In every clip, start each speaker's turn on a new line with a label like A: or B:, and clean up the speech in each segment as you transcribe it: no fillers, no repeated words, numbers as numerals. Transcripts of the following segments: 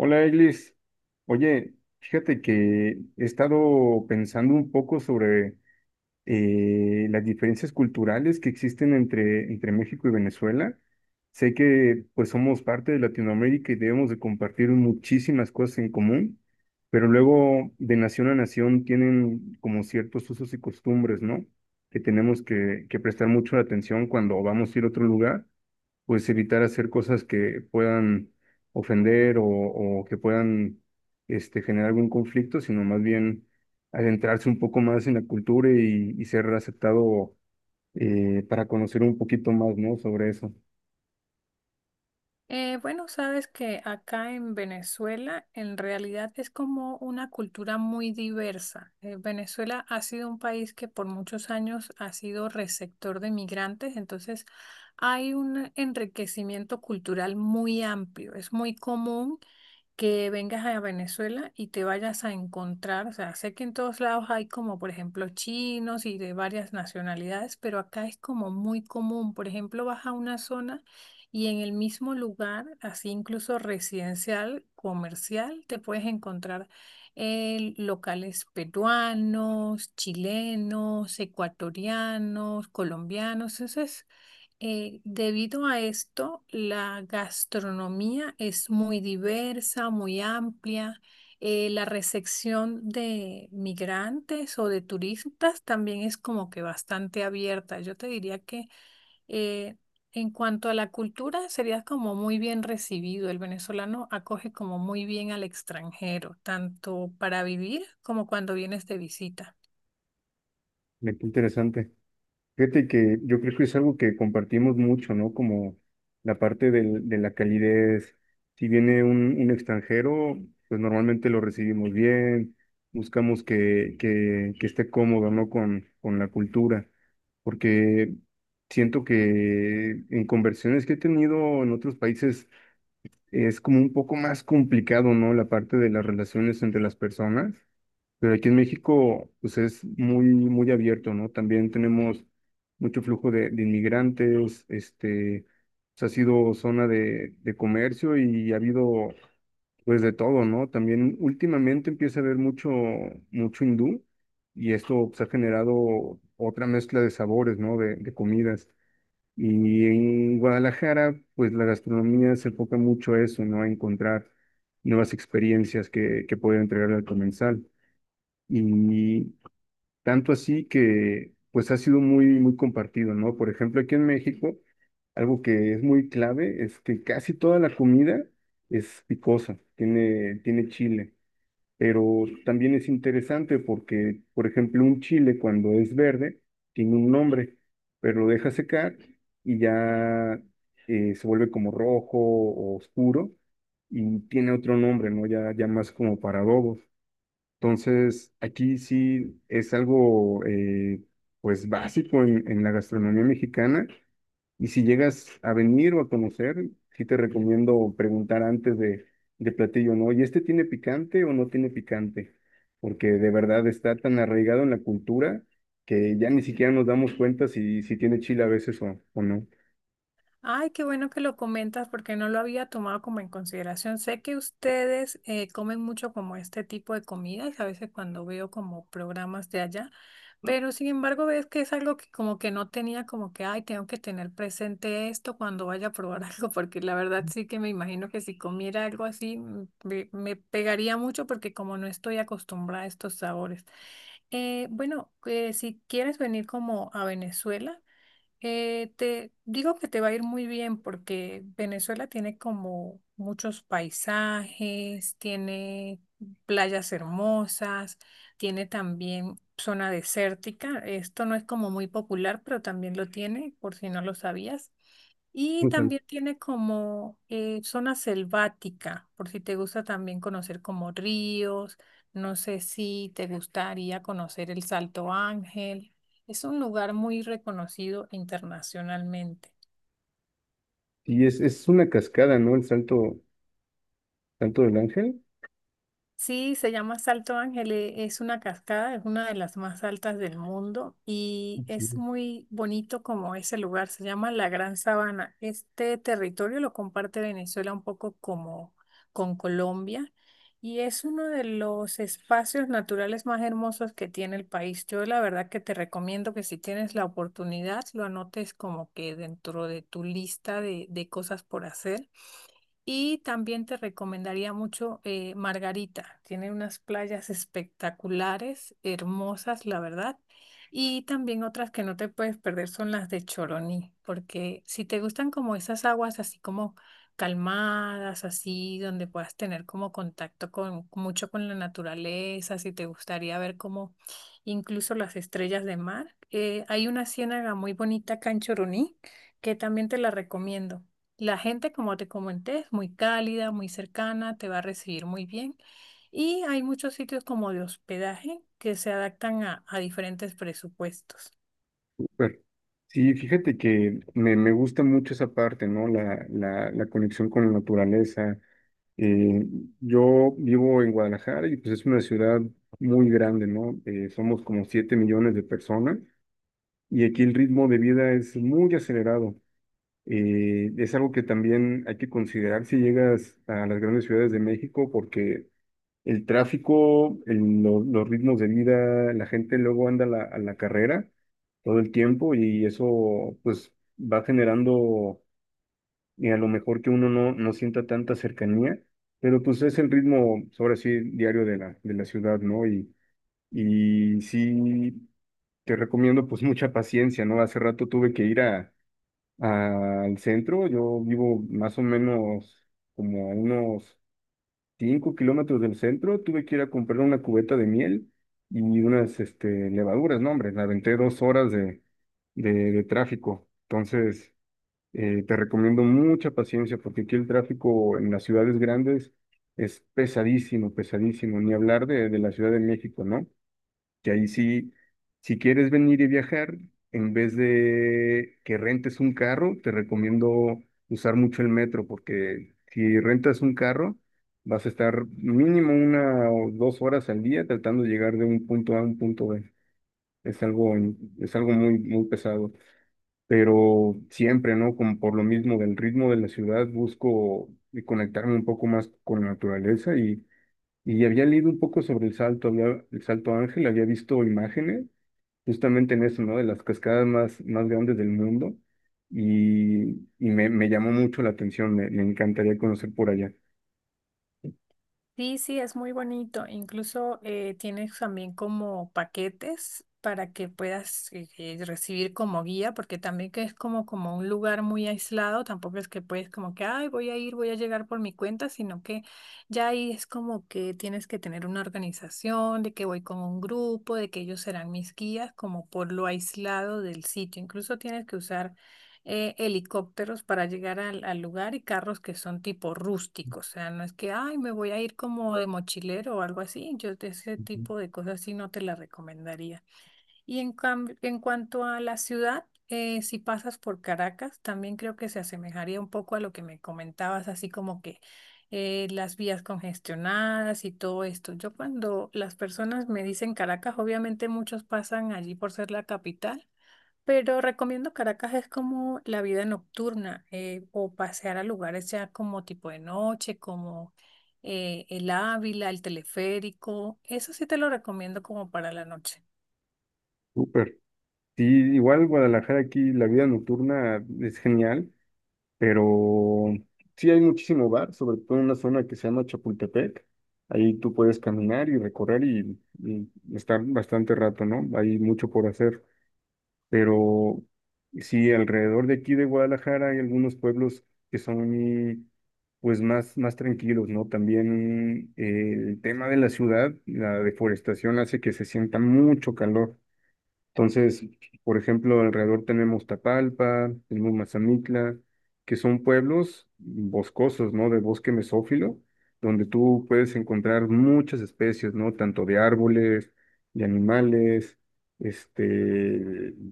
A: Hola, Eglis. Oye, fíjate que he estado pensando un poco sobre las diferencias culturales que existen entre México y Venezuela. Sé que pues somos parte de Latinoamérica y debemos de compartir muchísimas cosas en común, pero luego de nación a nación tienen como ciertos usos y costumbres, ¿no? Que tenemos que prestar mucho atención cuando vamos a ir a otro lugar pues evitar hacer cosas que puedan ofender o que puedan generar algún conflicto, sino más bien adentrarse un poco más en la cultura y ser aceptado para conocer un poquito más, ¿no? Sobre eso.
B: Bueno, sabes que acá en Venezuela en realidad es como una cultura muy diversa. Venezuela ha sido un país que por muchos años ha sido receptor de migrantes, entonces hay un enriquecimiento cultural muy amplio. Es muy común que vengas a Venezuela y te vayas a encontrar, o sea, sé que en todos lados hay como, por ejemplo, chinos y de varias nacionalidades, pero acá es como muy común. Por ejemplo, vas a una zona y en el mismo lugar, así incluso residencial, comercial, te puedes encontrar locales peruanos, chilenos, ecuatorianos, colombianos. Debido a esto, la gastronomía es muy diversa, muy amplia. La recepción de migrantes o de turistas también es como que bastante abierta. Yo te diría que eh, en cuanto a la cultura, sería como muy bien recibido. El venezolano acoge como muy bien al extranjero, tanto para vivir como cuando vienes de visita.
A: Me qué interesante. Fíjate que yo creo que es algo que compartimos mucho, ¿no? Como la parte de la calidez. Si viene un extranjero, pues normalmente lo recibimos bien, buscamos que esté cómodo, ¿no? Con la cultura, porque siento que en conversiones que he tenido en otros países es como un poco más complicado, ¿no? La parte de las relaciones entre las personas pero aquí en México, pues es muy, muy abierto, ¿no? También tenemos mucho flujo de inmigrantes, pues, ha sido zona de comercio y ha habido, pues, de todo, ¿no? También últimamente empieza a haber mucho, mucho hindú y esto, pues, ha generado otra mezcla de sabores, ¿no? De comidas. Y en Guadalajara, pues, la gastronomía se enfoca mucho a eso, ¿no? A encontrar nuevas experiencias que puede entregar al comensal. Y tanto así que pues ha sido muy, muy compartido, ¿no? Por ejemplo, aquí en México, algo que es muy clave es que casi toda la comida es picosa, tiene chile, pero también es interesante porque, por ejemplo, un chile cuando es verde tiene un nombre, pero lo deja secar y ya se vuelve como rojo o oscuro y tiene otro nombre, ¿no? Ya, ya más como para adobos. Entonces, aquí sí es algo pues básico en la gastronomía mexicana y si llegas a venir o a conocer, sí te recomiendo preguntar antes de platillo, ¿no? ¿Y este tiene picante o no tiene picante? Porque de verdad está tan arraigado en la cultura que ya ni siquiera nos damos cuenta si tiene chile a veces o no.
B: Ay, qué bueno que lo comentas porque no lo había tomado como en consideración. Sé que ustedes comen mucho como este tipo de comidas, a veces cuando veo como programas de allá, pero sin embargo ves que es algo que como que no tenía como que, ay, tengo que tener presente esto cuando vaya a probar algo, porque la verdad sí que me imagino que si comiera algo así me pegaría mucho porque como no estoy acostumbrada a estos sabores. Bueno, si quieres venir como a Venezuela. Te digo que te va a ir muy bien porque Venezuela tiene como muchos paisajes, tiene playas hermosas, tiene también zona desértica. Esto no es como muy popular, pero también lo tiene, por si no lo sabías. Y
A: O sea,
B: también tiene como zona selvática, por si te gusta también conocer como ríos. No sé si te gustaría conocer el Salto Ángel. Es un lugar muy reconocido internacionalmente.
A: y es una cascada, ¿no? El Salto del Ángel.
B: Sí, se llama Salto Ángel, es una cascada, es una de las más altas del mundo y es muy bonito como ese lugar, se llama la Gran Sabana. Este territorio lo comparte Venezuela un poco como con Colombia y es uno de los espacios naturales más hermosos que tiene el país. Yo la verdad que te recomiendo que si tienes la oportunidad lo anotes como que dentro de tu lista de cosas por hacer y también te recomendaría mucho Margarita. Tiene unas playas espectaculares, hermosas, la verdad. Y también otras que no te puedes perder son las de Choroní, porque si te gustan como esas aguas así como calmadas, así donde puedas tener como contacto con mucho con la naturaleza, si te gustaría ver como incluso las estrellas de mar, hay una ciénaga muy bonita acá en Choroní que también te la recomiendo. La gente, como te comenté, es muy cálida, muy cercana, te va a recibir muy bien. Y hay muchos sitios como de hospedaje que se adaptan a diferentes presupuestos.
A: Súper. Sí, fíjate que me gusta mucho esa parte, ¿no? La conexión con la naturaleza. Eh, yo vivo en Guadalajara y pues es una ciudad muy grande, ¿no? Somos como 7 millones de personas y aquí el ritmo de vida es muy acelerado. Es algo que también hay que considerar si llegas a las grandes ciudades de México porque el tráfico, los ritmos de vida, la gente luego anda a la carrera todo el tiempo y eso pues va generando a lo mejor que uno no sienta tanta cercanía, pero pues es el ritmo, ahora sí, diario de la ciudad, ¿no? Y sí, te recomiendo pues mucha paciencia, ¿no? Hace rato tuve que ir al centro, yo vivo más o menos como a unos 5 kilómetros del centro, tuve que ir a comprar una cubeta de miel y unas levaduras, no, hombre, me aventé 2 horas de tráfico. Entonces, te recomiendo mucha paciencia porque aquí el tráfico en las ciudades grandes es pesadísimo, pesadísimo, ni hablar de la Ciudad de México, ¿no? Que ahí sí, si quieres venir y viajar, en vez de que rentes un carro, te recomiendo usar mucho el metro, porque si rentas un carro, vas a estar mínimo 1 o 2 horas al día tratando de llegar de un punto A a un punto B. Es algo, es algo muy, muy pesado. Pero siempre, ¿no? Como por lo mismo del ritmo de la ciudad, busco y conectarme un poco más con la naturaleza y había leído un poco sobre el Salto, el Salto Ángel, había visto imágenes justamente en eso, ¿no? De las cascadas más, más grandes del mundo. Y me llamó mucho la atención, me encantaría conocer por allá.
B: Sí, sí, es muy bonito. Incluso tienes también como paquetes para que puedas recibir como guía, porque también que es como, como un lugar muy aislado, tampoco es que puedes como que, ay, voy a ir, voy a llegar por mi cuenta, sino que ya ahí es como que tienes que tener una organización, de que voy con un grupo, de que ellos serán mis guías, como por lo aislado del sitio. Incluso tienes que usar helicópteros para llegar al lugar y carros que son tipo rústicos. O sea, no es que, ay, me voy a ir como de mochilero o algo así. Yo de ese
A: Ujú.
B: tipo de cosas sí no te la recomendaría. Y en, en cuanto a la ciudad, si pasas por Caracas, también creo que se asemejaría un poco a lo que me comentabas, así como que las vías congestionadas y todo esto. Yo cuando las personas me dicen Caracas, obviamente muchos pasan allí por ser la capital. Pero recomiendo Caracas es como la vida nocturna o pasear a lugares ya como tipo de noche, como el Ávila, el teleférico. Eso sí te lo recomiendo como para la noche.
A: Súper. Sí, igual Guadalajara aquí, la vida nocturna es genial, pero sí hay muchísimo bar, sobre todo en una zona que se llama Chapultepec. Ahí tú puedes caminar y recorrer y estar bastante rato, ¿no? Hay mucho por hacer. Pero sí, alrededor de aquí de Guadalajara hay algunos pueblos que son y, pues más, más tranquilos, ¿no? También el tema de la ciudad, la deforestación hace que se sienta mucho calor. Entonces, por ejemplo, alrededor tenemos Tapalpa, tenemos Mazamitla, que son pueblos boscosos, ¿no? De bosque mesófilo, donde tú puedes encontrar muchas especies, ¿no? Tanto de árboles, de animales, este,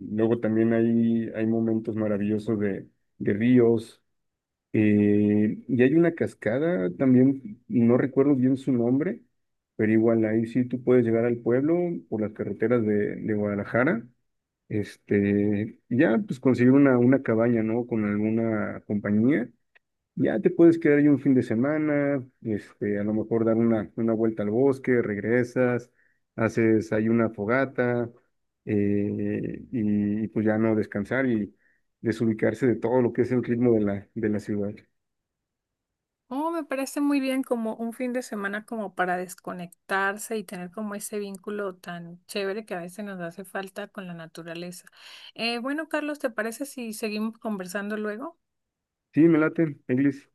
A: luego también hay momentos maravillosos de ríos, y hay una cascada también, no recuerdo bien su nombre, pero igual ahí sí tú puedes llegar al pueblo por las carreteras de Guadalajara. Y ya pues conseguir una cabaña, ¿no? Con alguna compañía. Ya te puedes quedar ahí un fin de semana, a lo mejor dar una vuelta al bosque, regresas, haces ahí una fogata, y pues ya no descansar y desubicarse de todo lo que es el ritmo de la ciudad.
B: Oh, me parece muy bien como un fin de semana como para desconectarse y tener como ese vínculo tan chévere que a veces nos hace falta con la naturaleza. Bueno, Carlos, ¿te parece si seguimos conversando luego?
A: Sí, me late, Eglis.